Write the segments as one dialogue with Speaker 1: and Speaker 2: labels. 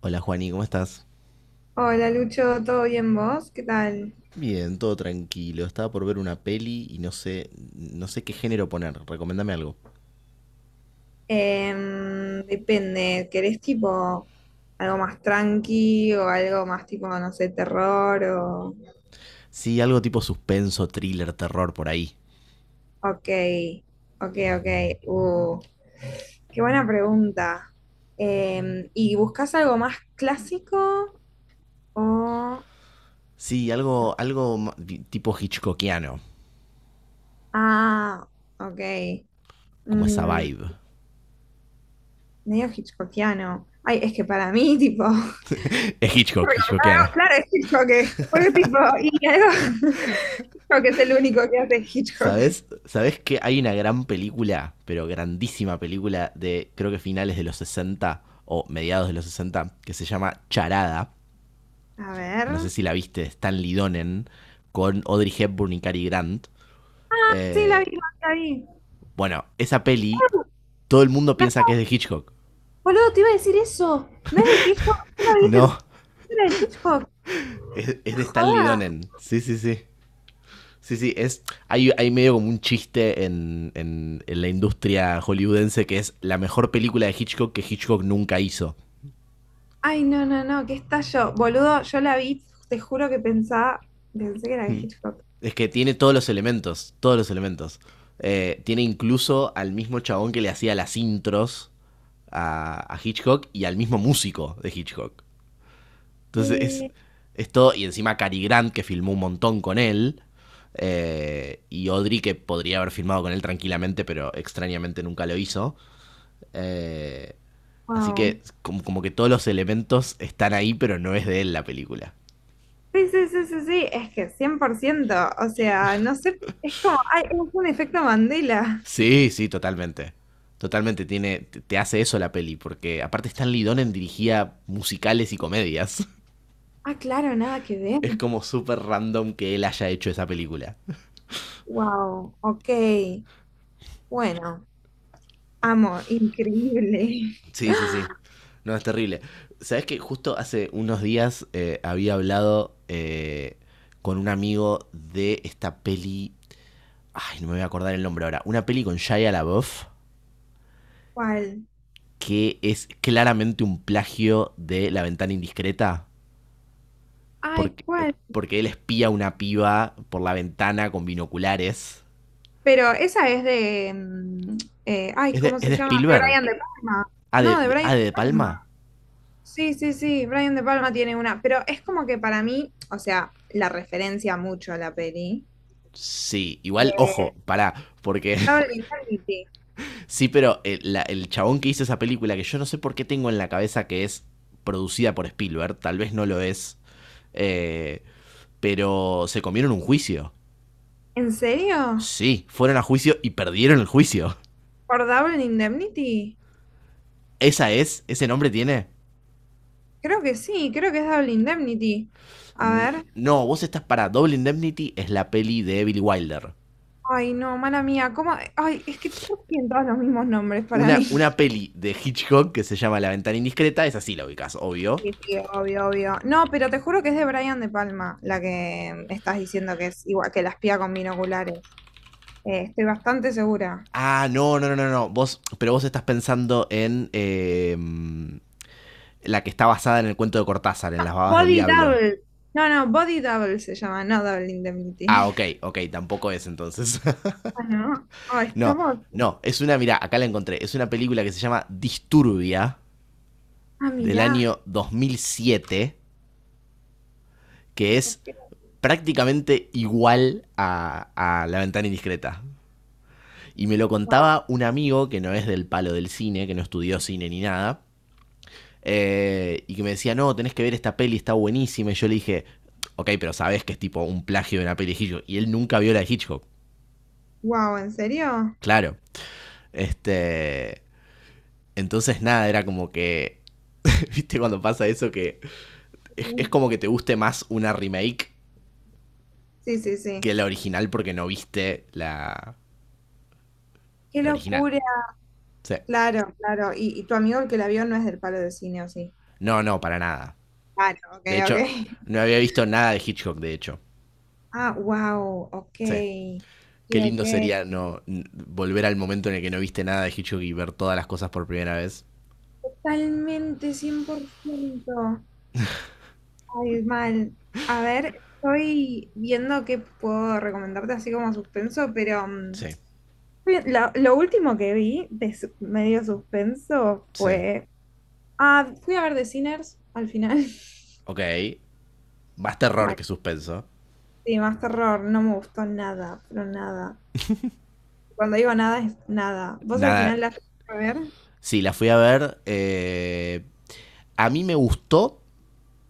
Speaker 1: Hola Juani, ¿cómo estás?
Speaker 2: Hola Lucho, ¿todo bien vos? ¿Qué tal?
Speaker 1: Bien, todo tranquilo. Estaba por ver una peli y no sé, no sé qué género poner. Recomendame algo.
Speaker 2: Depende, ¿querés tipo algo más tranqui o algo más tipo, no sé, terror o...
Speaker 1: Sí, algo tipo suspenso, thriller, terror por ahí.
Speaker 2: Ok, ok, ok. Uh, qué buena pregunta. ¿Y buscas algo más clásico o...
Speaker 1: Sí, algo,
Speaker 2: no?
Speaker 1: tipo hitchcockiano,
Speaker 2: Ah, ok.
Speaker 1: como esa
Speaker 2: Mm,
Speaker 1: vibe.
Speaker 2: medio hitchcockiano. Ay, es que para mí, tipo,
Speaker 1: Es
Speaker 2: es
Speaker 1: Hitchcock, hitchcockiano.
Speaker 2: recordado, claro, es Hitchcock, es porque, tipo, y algo, Hitchcock es el único que hace Hitchcock.
Speaker 1: ¿Sabes? ¿Sabes que hay una gran película, pero grandísima película de creo que finales de los 60 o mediados de los 60, que se llama Charada?
Speaker 2: A
Speaker 1: No
Speaker 2: ver.
Speaker 1: sé si la viste, de Stanley Donen con Audrey Hepburn y Cary Grant.
Speaker 2: Ah, sí, la
Speaker 1: Eh,
Speaker 2: vi, la vi.
Speaker 1: bueno, esa peli,
Speaker 2: Ah,
Speaker 1: todo el mundo piensa que es
Speaker 2: acuerdo,
Speaker 1: de Hitchcock.
Speaker 2: boludo, te iba a decir eso. No es de Hitchcock, no la vi, pensé
Speaker 1: No,
Speaker 2: que era de Hitchcock.
Speaker 1: es
Speaker 2: ¡Qué
Speaker 1: de Stanley
Speaker 2: joda!
Speaker 1: Donen. Sí, sí, sí. Sí, sí, es, hay medio como un chiste en, en la industria hollywoodense, que es la mejor película de Hitchcock que Hitchcock nunca hizo.
Speaker 2: Ay, no, no, no, qué estallo. Boludo, yo la vi, te juro que pensaba, pensé que era de Hitchcock.
Speaker 1: Es que tiene todos los elementos, todos los elementos. Tiene incluso al mismo chabón que le hacía las intros a Hitchcock y al mismo músico de Hitchcock. Entonces
Speaker 2: Eh,
Speaker 1: es todo. Y encima Cary Grant, que filmó un montón con él, y Audrey, que podría haber filmado con él tranquilamente, pero extrañamente nunca lo hizo. Eh, Así
Speaker 2: wow.
Speaker 1: que como, como que todos los elementos están ahí, pero no es de él la película.
Speaker 2: Sí, sí, sí, sí, sí, es que cien por ciento, o sea, no sé, es como, ay, es un efecto Mandela.
Speaker 1: Sí, sí, totalmente. Totalmente tiene, te hace eso la peli, porque aparte Stanley Donen dirigía musicales y comedias.
Speaker 2: Ah, claro, nada que ver.
Speaker 1: Es como súper random que él haya hecho esa película.
Speaker 2: Wow, ok, bueno, amo, increíble.
Speaker 1: Sí, sí, sí. No, es terrible. ¿Sabes que justo hace unos días había hablado con un amigo de esta peli? Ay, no me voy a acordar el nombre ahora. Una peli con Shia LaBeouf
Speaker 2: ¿Cuál?
Speaker 1: que es claramente un plagio de La ventana indiscreta.
Speaker 2: Ay,
Speaker 1: Porque,
Speaker 2: ¿cuál?
Speaker 1: porque él espía a una piba por la ventana con binoculares.
Speaker 2: Pero esa es de, ¿cómo
Speaker 1: Es
Speaker 2: se
Speaker 1: de
Speaker 2: llama? De
Speaker 1: Spielberg?
Speaker 2: Brian De Palma.
Speaker 1: ¿Ah de,
Speaker 2: No, de Brian
Speaker 1: ah,
Speaker 2: De
Speaker 1: de De Palma?
Speaker 2: Palma. Sí, sí, sí, Brian De Palma tiene una, pero es como que para mí, o sea, la referencia mucho a la peli.
Speaker 1: Sí, igual,
Speaker 2: Eh,
Speaker 1: ojo, pará, porque
Speaker 2: Double Indemnity.
Speaker 1: sí, pero el, el chabón que hizo esa película, que yo no sé por qué tengo en la cabeza que es producida por Spielberg, tal vez no lo es, eh, pero se comieron un juicio.
Speaker 2: ¿En serio?
Speaker 1: Sí, fueron a juicio y perdieron el juicio.
Speaker 2: ¿Por Double Indemnity?
Speaker 1: ¿Esa es? ¿Ese nombre tiene?
Speaker 2: Creo que sí, creo que es Double Indemnity. A ver.
Speaker 1: No, vos estás para Double Indemnity, es la peli de Billy Wilder.
Speaker 2: Ay, no, mala mía, ¿cómo? Ay, es que todos tienen todos los mismos nombres para mí.
Speaker 1: Una peli de Hitchcock que se llama La ventana indiscreta, es así la ubicás, obvio.
Speaker 2: Sí, sí, obvio, obvio. No, pero te juro que es de Brian De Palma, la que estás diciendo que es igual que la espía con binoculares. Estoy bastante segura.
Speaker 1: Ah, no, no, no, no, no. Vos, pero vos estás pensando en, la que está basada en el cuento de Cortázar, en las babas del
Speaker 2: Body
Speaker 1: diablo.
Speaker 2: Double. No, no, Body Double se llama, no Double
Speaker 1: Ah,
Speaker 2: Indemnity.
Speaker 1: ok, ok, tampoco es entonces.
Speaker 2: Bueno, ah,
Speaker 1: No,
Speaker 2: estamos.
Speaker 1: no, es una, mira, acá la encontré. Es una película que se llama Disturbia,
Speaker 2: Ah,
Speaker 1: del
Speaker 2: mirá.
Speaker 1: año 2007, que es prácticamente igual a La ventana indiscreta. Y me lo contaba un amigo que no es del palo del cine, que no estudió cine ni nada, y que me decía, no, tenés que ver esta peli, está buenísima. Y yo le dije, ok, pero sabes que es tipo un plagio de una peli de Hitchcock. Y él nunca vio la de Hitchcock.
Speaker 2: Wow, ¿en serio?
Speaker 1: Claro. Este. Entonces, nada, era como que. ¿Viste cuando pasa eso? Que es como que te guste más una remake
Speaker 2: Sí, sí, sí.
Speaker 1: que la original porque no viste la,
Speaker 2: Qué
Speaker 1: la original.
Speaker 2: locura.
Speaker 1: Sí.
Speaker 2: Claro, claro. Y tu amigo el que la vio no es del palo de cine, ¿o sí?
Speaker 1: No, no, para nada.
Speaker 2: Claro, ok,
Speaker 1: De
Speaker 2: ok.
Speaker 1: hecho, no había visto nada de Hitchcock, de hecho.
Speaker 2: Ah, wow,
Speaker 1: Sí.
Speaker 2: ok.
Speaker 1: Qué
Speaker 2: Sí,
Speaker 1: lindo
Speaker 2: ok.
Speaker 1: sería no volver al momento en el que no viste nada de Hitchcock y ver todas las cosas por primera vez.
Speaker 2: Totalmente, 100%. Ay, mal. A ver, estoy viendo qué puedo recomendarte así como suspenso, pero mm,
Speaker 1: Sí,
Speaker 2: lo último que vi de medio suspenso
Speaker 1: sí.
Speaker 2: fue... Ah, fui a ver The Sinners al final.
Speaker 1: Ok. Más terror
Speaker 2: Mal.
Speaker 1: que suspenso.
Speaker 2: Sí, más terror, no me gustó nada, pero nada. Cuando digo nada, es nada. Vos al
Speaker 1: Nada.
Speaker 2: final la a ver.
Speaker 1: Sí, la fui a ver, a mí me gustó,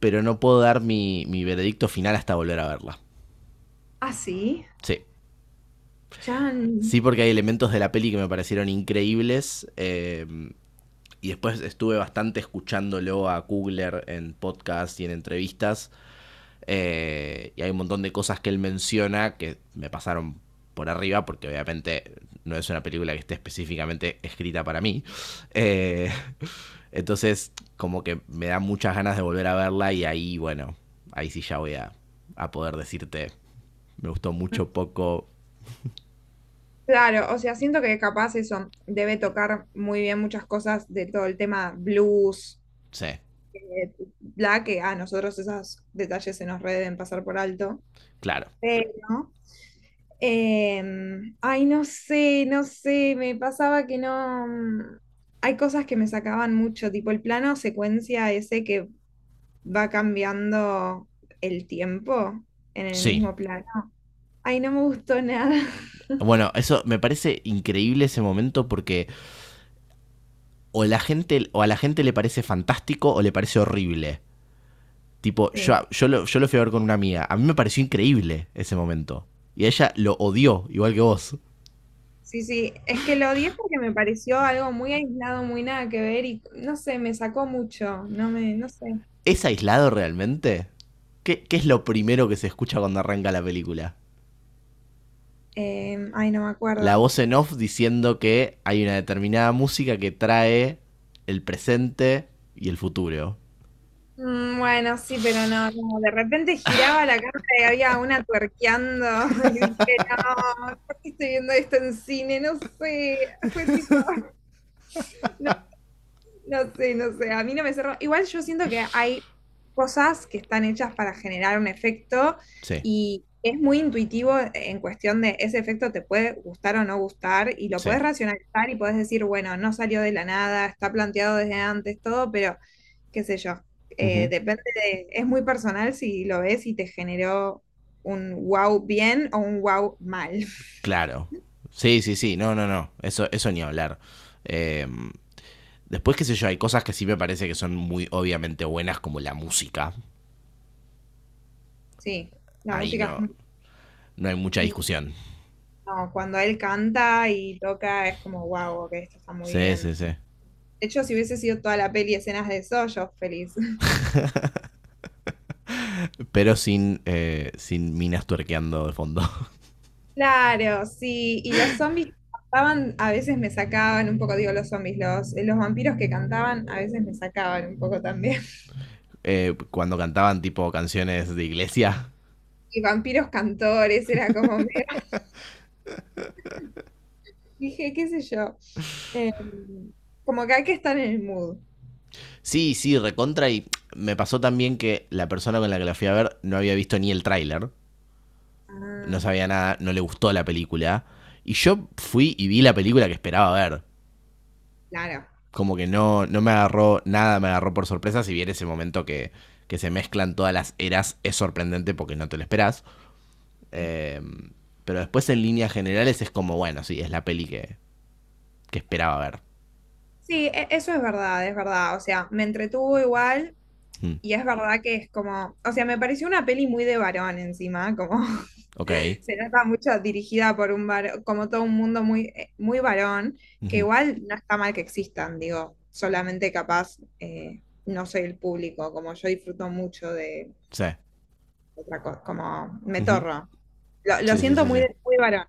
Speaker 1: pero no puedo dar mi, mi veredicto final hasta volver a verla.
Speaker 2: Ah, sí.
Speaker 1: Sí. Sí,
Speaker 2: Chan.
Speaker 1: porque hay elementos de la peli que me parecieron increíbles. Y después estuve bastante escuchándolo a Kugler en podcast y en entrevistas. Y hay un montón de cosas que él menciona que me pasaron por arriba, porque obviamente no es una película que esté específicamente escrita para mí. Eh, entonces, como que me da muchas ganas de volver a verla y ahí, bueno, ahí sí ya voy a poder decirte, me gustó mucho, poco,
Speaker 2: Claro, o sea, siento que capaz eso debe tocar muy bien muchas cosas de todo el tema blues,
Speaker 1: sé,
Speaker 2: eh, bla, que a nosotros esos detalles se nos re deben pasar por alto.
Speaker 1: claro,
Speaker 2: Pero, no sé, no sé, me pasaba que no. Hay cosas que me sacaban mucho, tipo el plano secuencia ese que va cambiando el tiempo en el
Speaker 1: sí.
Speaker 2: mismo plano. Ay, no me gustó nada.
Speaker 1: Bueno, eso me parece increíble ese momento porque o la gente o a la gente le parece fantástico o le parece horrible. Tipo,
Speaker 2: Sí,
Speaker 1: yo, yo lo fui a ver con una amiga. A mí me pareció increíble ese momento. Y ella lo odió, igual que vos.
Speaker 2: sí, sí. Es que lo odié porque me pareció algo muy aislado, muy nada que ver y no sé, me sacó mucho. No me, no sé.
Speaker 1: ¿Es aislado realmente? ¿Qué, qué es lo primero que se escucha cuando arranca la película?
Speaker 2: No me
Speaker 1: La
Speaker 2: acuerdo.
Speaker 1: voz en off diciendo que hay una determinada música que trae el presente y el futuro.
Speaker 2: Mm, bueno, sí, pero no, no, de repente giraba la cámara y había una tuerqueando y dije, no, ¿por qué estoy viendo esto en cine? No sé, fue tipo, no, no sé, no sé, a mí no me cerró. Igual yo siento que hay cosas que están hechas para generar un efecto
Speaker 1: Sí,
Speaker 2: y es muy intuitivo en cuestión de ese efecto te puede gustar o no gustar y lo
Speaker 1: sí.
Speaker 2: puedes racionalizar y puedes decir, bueno, no salió de la nada, está planteado desde antes, todo, pero qué sé yo,
Speaker 1: Ujú.
Speaker 2: depende de, es muy personal si lo ves y te generó un wow bien o un wow mal.
Speaker 1: Claro. Sí, sí, sí. No, no, no. Eso ni hablar. Eh, Después, qué sé yo, hay cosas que sí me parece que son muy obviamente buenas, como la música.
Speaker 2: Sí, la
Speaker 1: Ahí
Speaker 2: música es
Speaker 1: no. No hay mucha discusión.
Speaker 2: no, cuando él canta y toca es como, wow, que esto está muy
Speaker 1: Sí,
Speaker 2: bien.
Speaker 1: sí, sí.
Speaker 2: De hecho, si hubiese sido toda la peli escenas de eso, yo feliz.
Speaker 1: Pero sin, sin minas tuerqueando de fondo.
Speaker 2: Claro, sí. Y los zombies que cantaban a veces me sacaban un poco, digo los zombies, los vampiros que cantaban a veces me sacaban un poco también.
Speaker 1: Cuando cantaban tipo canciones de iglesia.
Speaker 2: Y vampiros cantores, era como, medio- dije, qué sé yo. Eh, Como que hay que estar en el mood.
Speaker 1: Sí, sí, recontra. Y me pasó también que la persona con la que la fui a ver no había visto ni el tráiler. No
Speaker 2: Ah,
Speaker 1: sabía nada, no le gustó la película. Y yo fui y vi la película que esperaba ver.
Speaker 2: claro.
Speaker 1: Como que no, no me agarró nada, me agarró por sorpresa. Si bien ese momento que se mezclan todas las eras es sorprendente porque no te lo esperás.
Speaker 2: Sí,
Speaker 1: Eh, pero después en líneas generales es como, bueno, sí, es la peli que esperaba ver.
Speaker 2: sí, eso es verdad, es verdad. O sea, me entretuvo igual.
Speaker 1: Mm,
Speaker 2: Y es verdad que es como, o sea, me pareció una peli muy de varón encima, como
Speaker 1: ok.
Speaker 2: se nota mucho dirigida por un varón, como todo un mundo muy, muy varón, que
Speaker 1: Ujú.
Speaker 2: igual no está mal que existan, digo, solamente capaz no soy el público, como yo disfruto mucho de
Speaker 1: Sí.
Speaker 2: otra cosa, como me
Speaker 1: Ujú.
Speaker 2: torro. Lo
Speaker 1: Sí, sí,
Speaker 2: siento
Speaker 1: sí,
Speaker 2: muy,
Speaker 1: sí.
Speaker 2: muy varón,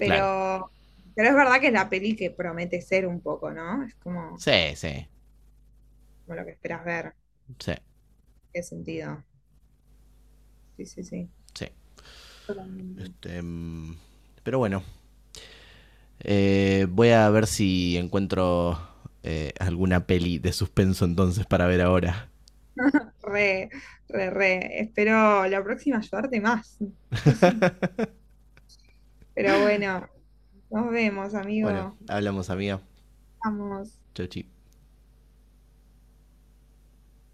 Speaker 1: Claro.
Speaker 2: pero es verdad que es la peli que promete ser un poco, ¿no? Es como,
Speaker 1: Sí, sí,
Speaker 2: como lo que esperas ver,
Speaker 1: sí,
Speaker 2: qué sentido. Sí, sí, sí.
Speaker 1: sí.
Speaker 2: Totalmente.
Speaker 1: Este, mm, pero bueno, voy a ver si encuentro alguna peli de suspenso entonces para ver ahora.
Speaker 2: Re, re, re. Espero la próxima ayudarte más. No sé, pero bueno, nos vemos,
Speaker 1: Bueno,
Speaker 2: amigo.
Speaker 1: hablamos, amiga.
Speaker 2: Vamos.
Speaker 1: Chau, chi.